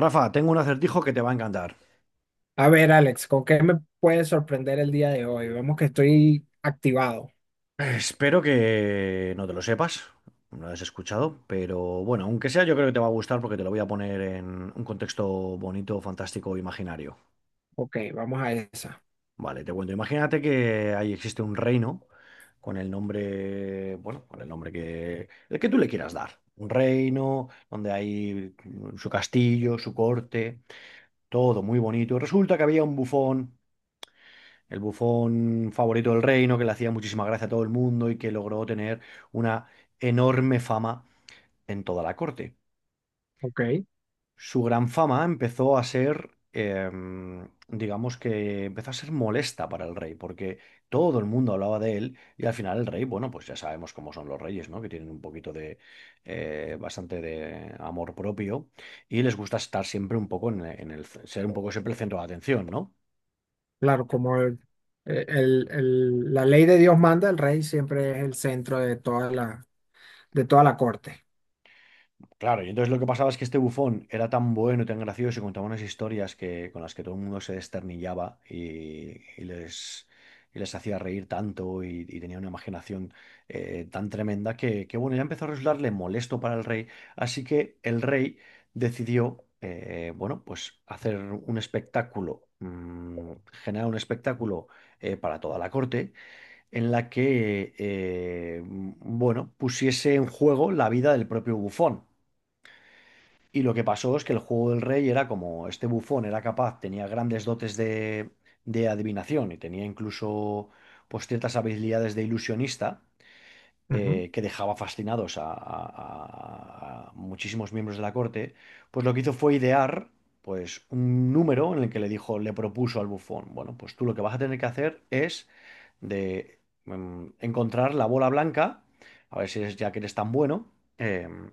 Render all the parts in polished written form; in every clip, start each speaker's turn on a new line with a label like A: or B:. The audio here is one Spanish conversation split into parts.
A: Rafa, tengo un acertijo que te va a encantar.
B: A ver, Alex, ¿con qué me puedes sorprender el día de hoy? Vemos que estoy activado.
A: Espero que no te lo sepas, no lo has escuchado, pero bueno, aunque sea, yo creo que te va a gustar porque te lo voy a poner en un contexto bonito, fantástico, imaginario.
B: Ok, vamos a esa.
A: Vale, te cuento. Imagínate que ahí existe un reino con el nombre, bueno, con el nombre que, el que tú le quieras dar. Un reino donde hay su castillo, su corte, todo muy bonito. Resulta que había un bufón. El bufón favorito del reino, que le hacía muchísima gracia a todo el mundo y que logró tener una enorme fama en toda la corte.
B: Ok,
A: Su gran fama empezó a ser, em, digamos que empezó a ser molesta para el rey, porque todo el mundo hablaba de él y al final el rey, bueno, pues ya sabemos cómo son los reyes, ¿no? Que tienen un poquito de, bastante de amor propio y les gusta estar siempre un poco ser un poco siempre el centro de atención, ¿no?
B: claro, como la ley de Dios manda, el rey siempre es el centro de toda la corte.
A: Claro, y entonces lo que pasaba es que este bufón era tan bueno y tan gracioso y contaba unas historias con las que todo el mundo se desternillaba y les hacía reír tanto y tenía una imaginación tan tremenda que, bueno, ya empezó a resultarle molesto para el rey. Así que el rey decidió, bueno, pues hacer un espectáculo, generar un espectáculo para toda la corte en la que, bueno, pusiese en juego la vida del propio bufón. Y lo que pasó es que el juego del rey era como este bufón era capaz, tenía grandes dotes de adivinación y tenía incluso pues, ciertas habilidades de ilusionista
B: Ujú,
A: que dejaba fascinados a, muchísimos miembros de la corte. Pues lo que hizo fue idear pues, un número en el que le dijo, le propuso al bufón, bueno, pues tú lo que vas a tener que hacer es de encontrar la bola blanca, a ver si es ya que eres tan bueno, em,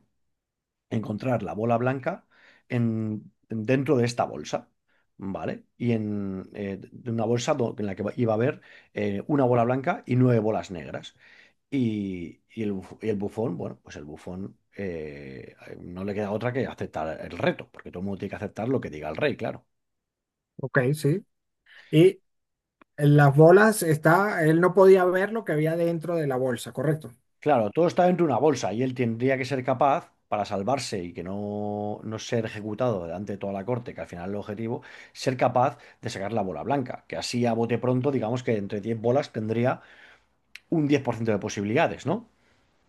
A: encontrar la bola blanca dentro de esta bolsa, ¿vale? Y en de una bolsa en la que iba a haber una bola blanca y nueve bolas negras. Y el bufón, bueno, pues el bufón no le queda otra que aceptar el reto, porque todo el mundo tiene que aceptar lo que diga el rey, claro.
B: Ok, sí. Y en las bolas está, él no podía ver lo que había dentro de la bolsa, ¿correcto?
A: Claro, todo está dentro de una bolsa y él tendría que ser capaz, para salvarse y que no ser ejecutado delante de toda la corte, que al final es el objetivo, ser capaz de sacar la bola blanca, que así a bote pronto, digamos que entre 10 bolas tendría un 10% de posibilidades, ¿no?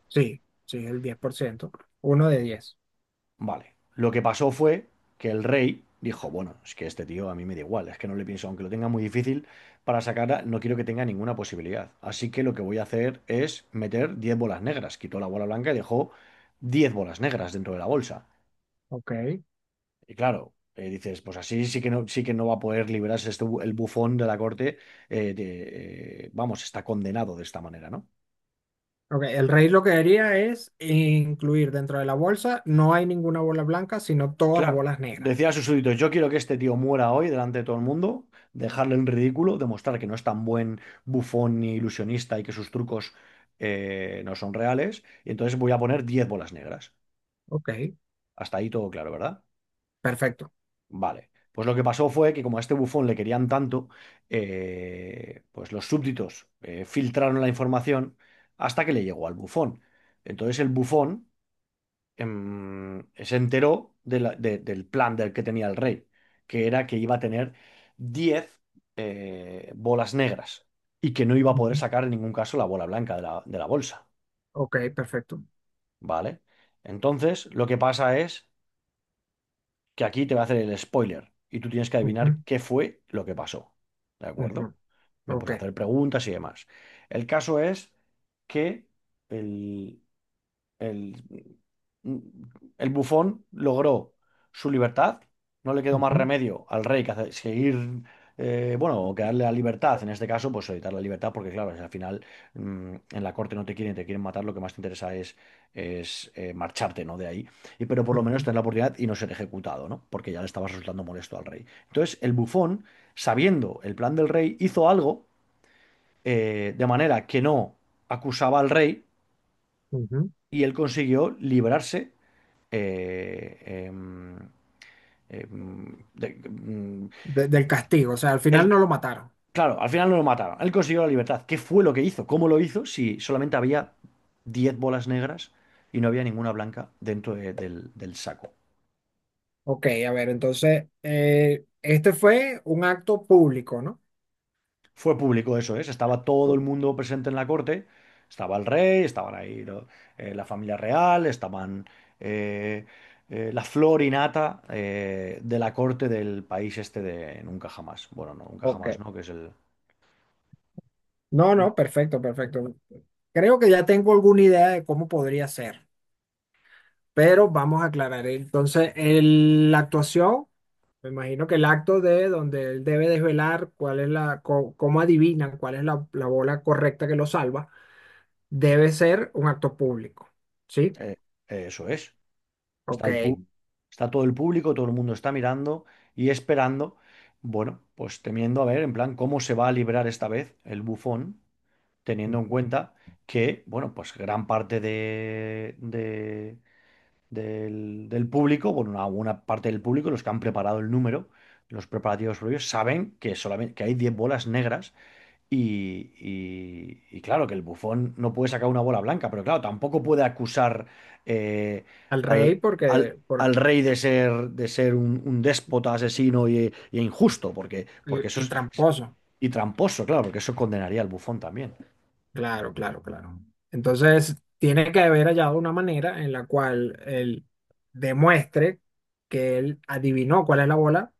B: Sí, sí, el 10%, 1 de 10,
A: Vale, lo que pasó fue que el rey dijo, bueno, es que este tío a mí me da igual, es que no le pienso, aunque lo tenga muy difícil para sacarla, no quiero que tenga ninguna posibilidad. Así que lo que voy a hacer es meter 10 bolas negras. Quitó la bola blanca y dejó 10 bolas negras dentro de la bolsa.
B: Ok.
A: Y claro, dices, pues así sí que no va a poder liberarse el bufón de la corte. Vamos, está condenado de esta manera, ¿no?
B: Ok, el rey lo que haría es incluir dentro de la bolsa, no hay ninguna bola blanca, sino todas las
A: Claro,
B: bolas negras.
A: decía a sus súbditos, yo quiero que este tío muera hoy delante de todo el mundo, dejarle en ridículo, demostrar que no es tan buen bufón ni ilusionista y que sus trucos no son reales. Y entonces voy a poner 10 bolas negras.
B: Ok,
A: Hasta ahí todo claro, ¿verdad?
B: perfecto.
A: Vale. Pues lo que pasó fue que como a este bufón le querían tanto, pues los súbditos filtraron la información hasta que le llegó al bufón. Entonces el bufón, se enteró del plan del que tenía el rey, que era que iba a tener 10 bolas negras y que no iba a poder
B: Ujú.
A: sacar en ningún caso la bola blanca de la bolsa.
B: Ok, perfecto.
A: ¿Vale? Entonces lo que pasa es que aquí te va a hacer el spoiler y tú tienes que adivinar
B: Ujú,
A: qué fue lo que pasó. ¿De acuerdo?
B: ujú,
A: Me
B: Ok.
A: puedes hacer preguntas y demás. El caso es que el, el, mm, el bufón logró su libertad. No le quedó más
B: Ujú,
A: remedio al rey que seguir, bueno, o que darle la libertad. En este caso, pues evitar la libertad, porque claro, al final en la corte no te quieren, te quieren matar. Lo que más te interesa es marcharte, ¿no? De ahí. Pero por lo menos
B: ujú,
A: tener la oportunidad y no ser ejecutado, ¿no? Porque ya le estabas resultando molesto al rey. Entonces, el bufón, sabiendo el plan del rey, hizo algo de manera que no acusaba al rey
B: ujú.
A: y él consiguió liberarse eh, em, em, de- mm,
B: Del castigo, o sea, al final
A: él-
B: no lo mataron.
A: claro, al final no lo mataron. Él consiguió la libertad. ¿Qué fue lo que hizo? ¿Cómo lo hizo? Si solamente había 10 bolas negras y no había ninguna blanca dentro del saco.
B: Ok, a ver, entonces, este fue un acto público, ¿no?
A: Fue público eso, ¿eh? Estaba todo el
B: O-
A: mundo presente en la corte. Estaba el rey, estaban ahí la familia real, estaban eh, la flor y nata de la corte del país este de Nunca Jamás. Bueno, no, Nunca Jamás,
B: Ok.
A: ¿no? Que es el,
B: No, no, perfecto, perfecto. Creo que ya tengo alguna idea de cómo podría ser, pero vamos a aclarar. Entonces, la actuación. Me imagino que el acto de donde él debe desvelar cuál es la, cómo adivinan cuál es la bola correcta que lo salva, debe ser un acto público. ¿Sí?
A: Eh, eso es. Está
B: Ok.
A: el pu- Está todo el público, todo el mundo está mirando y esperando, bueno, pues temiendo a ver en plan cómo se va a librar esta vez el bufón, teniendo en cuenta que, bueno, pues gran parte del público, bueno, una parte del público, los que han preparado el número, los preparativos previos, saben que solamente que hay 10 bolas negras y claro, que el Bufón no puede sacar una bola blanca, pero claro, tampoco puede acusar eh,
B: Al
A: al,
B: rey
A: al-
B: porque, por
A: al rey de ser, un déspota, asesino y injusto, porque,
B: y,
A: porque eso
B: y
A: es.
B: tramposo.
A: Y tramposo, claro, porque eso condenaría al Bufón también.
B: Claro, claro, claro. Entonces, tiene que haber hallado una manera en la cual él demuestre que él adivinó cuál es la bola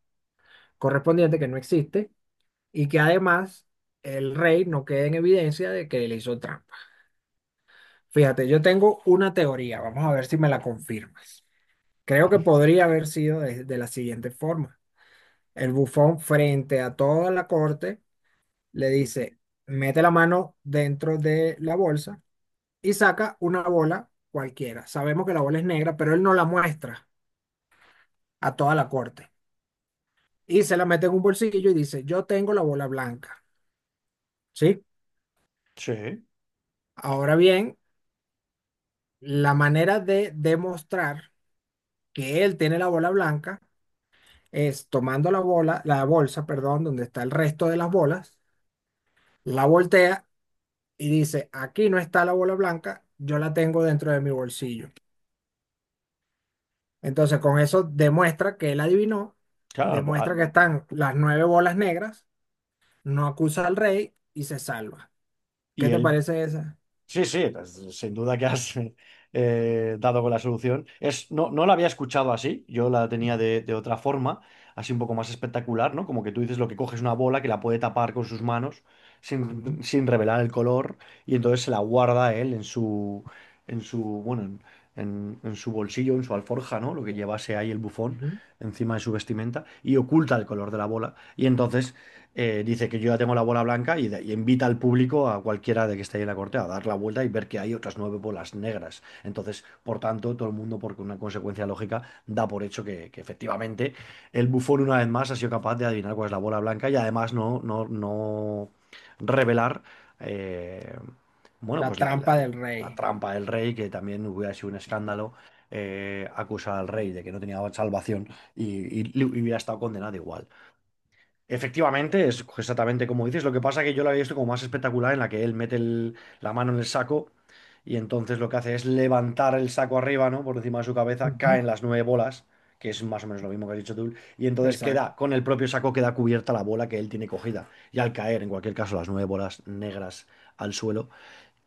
B: correspondiente que no existe y que además el rey no quede en evidencia de que él hizo trampa. Fíjate, yo tengo una teoría, vamos a ver si me la confirmas. Creo que podría haber sido de la siguiente forma. El bufón frente a toda la corte le dice, mete la mano dentro de la bolsa y saca una bola cualquiera. Sabemos que la bola es negra, pero él no la muestra a toda la corte. Y se la mete en un bolsillo y dice, yo tengo la bola blanca. ¿Sí?
A: Sí,
B: Ahora bien, la manera de demostrar que él tiene la bola blanca es tomando la bola, la bolsa, perdón, donde está el resto de las bolas, la voltea y dice, aquí no está la bola blanca, yo la tengo dentro de mi bolsillo. Entonces, con eso demuestra que él adivinó,
A: claro.
B: demuestra que están las nueve bolas negras, no acusa al rey y se salva. ¿Qué
A: Y
B: te
A: él.
B: parece esa?
A: Sí, sí, pues, sin duda que has dado con la solución. No, no la había escuchado así, yo la tenía de otra forma, así un poco más espectacular, ¿no? Como que tú dices lo que coges una bola que la puede tapar con sus manos
B: Ujú,
A: sin revelar el color y entonces se la guarda él en su, bueno, en su bolsillo, en su alforja, ¿no? Lo que llevase ahí el bufón
B: ujú,
A: encima de su vestimenta y oculta el color de la bola y entonces dice que yo ya tengo la bola blanca y invita al público, a cualquiera de que esté ahí en la corte, a dar la vuelta y ver que hay otras nueve bolas negras. Entonces, por tanto, todo el mundo, por una consecuencia lógica, da por hecho que efectivamente el bufón una vez más ha sido capaz de adivinar cuál es la bola blanca y además no revelar, eh, bueno,
B: La
A: pues la, la-
B: trampa del
A: la
B: rey.
A: trampa del rey, que también hubiera sido un escándalo. Acusar al rey de que no tenía salvación y hubiera estado condenado igual. Efectivamente, es exactamente como dices. Lo que pasa es que yo la había visto como más espectacular en la que él mete la mano en el saco y entonces lo que hace es levantar el saco arriba, ¿no? Por encima de su cabeza,
B: Ujú.
A: caen las nueve bolas, que es más o menos lo mismo que has dicho tú, y entonces
B: Exacto.
A: queda, con el propio saco queda cubierta la bola que él tiene cogida. Y al caer, en cualquier caso, las nueve bolas negras al suelo,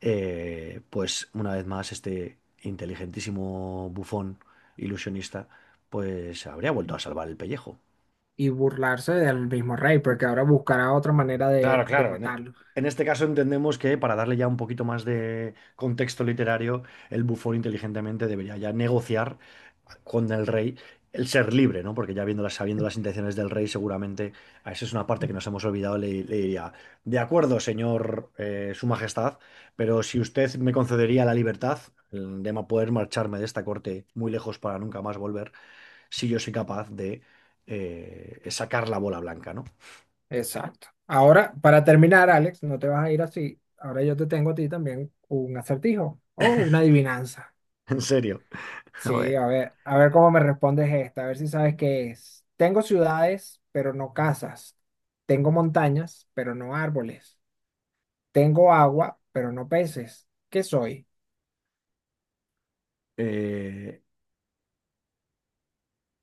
A: pues una vez más este inteligentísimo bufón ilusionista, pues habría vuelto a salvar el pellejo.
B: Y burlarse del mismo rey, porque ahora buscará otra manera
A: Claro,
B: de
A: claro. En, e-
B: matarlo.
A: en este caso entendemos que para darle ya un poquito más de contexto literario, el bufón inteligentemente debería ya negociar con el rey el ser libre, ¿no? Porque ya viéndolas, sabiendo las intenciones del rey, seguramente a eso es una parte que nos hemos olvidado, le diría, de acuerdo, señor, su majestad, pero si usted me concedería la libertad poder marcharme de esta corte muy lejos para nunca más volver, si yo soy capaz de sacar la bola blanca, ¿no?
B: Exacto. Ahora, para terminar, Alex, no te vas a ir así. Ahora yo te tengo a ti también un acertijo o una adivinanza.
A: En serio. A
B: Sí,
A: ver.
B: a ver cómo me respondes esta, a ver si sabes qué es. Tengo ciudades, pero no casas. Tengo montañas, pero no árboles. Tengo agua, pero no peces. ¿Qué soy?
A: Eh,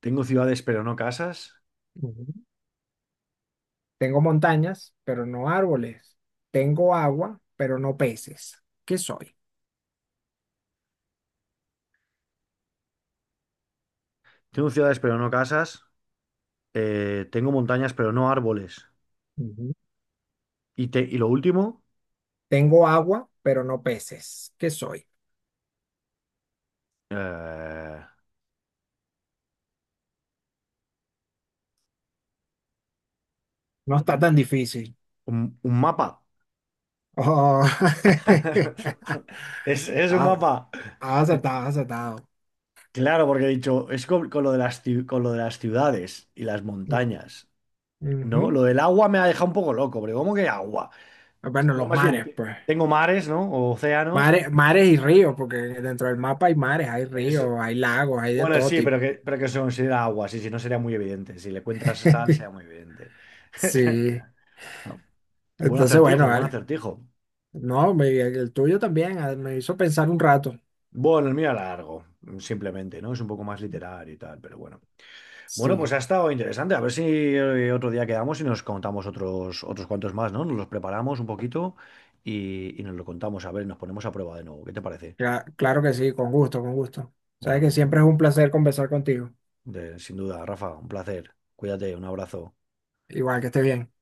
A: tengo ciudades pero no casas.
B: Ujú. Tengo montañas, pero no árboles. Tengo agua, pero no peces. ¿Qué soy?
A: Tengo ciudades pero no casas. Tengo montañas pero no árboles.
B: Ujú.
A: Y lo último,
B: Tengo agua, pero no peces. ¿Qué soy?
A: eh,
B: No está tan difícil.
A: un mapa.
B: Oh.
A: Es un
B: Has,
A: mapa.
B: has acertado, has acertado.
A: Claro, porque he dicho, es con lo de las ciudades y las
B: Mm,
A: montañas, ¿no?
B: ujú.
A: Lo del agua me ha dejado un poco loco, pero ¿cómo que agua?
B: Bueno,
A: Ya
B: los
A: más bien,
B: mares, pues.
A: tengo mares, ¿no? O océanos.
B: Mares, mares y ríos, porque dentro del mapa hay mares, hay ríos, hay lagos, hay de
A: Bueno,
B: todo
A: sí, pero
B: tipo.
A: que se considera agua, sí, si no sería muy evidente. Si le cuentas tal, sería muy evidente.
B: Sí.
A: Ah, buen
B: Entonces,
A: acertijo,
B: bueno,
A: buen
B: vale.
A: acertijo.
B: No, el tuyo también ah, me hizo pensar un rato.
A: Bueno, el mío era largo, simplemente, ¿no? Es un poco más literario y tal, pero bueno. Bueno, pues ha
B: Sí,
A: estado interesante. A ver si otro día quedamos y nos contamos otros cuantos más, ¿no? Nos los preparamos un poquito y nos lo contamos. A ver, nos ponemos a prueba de nuevo. ¿Qué te parece?
B: claro que sí, con gusto, con gusto. Sabes que
A: Bueno,
B: siempre es un placer conversar contigo.
A: sin duda, Rafa, un placer. Cuídate, un abrazo.
B: Igual que estés bien.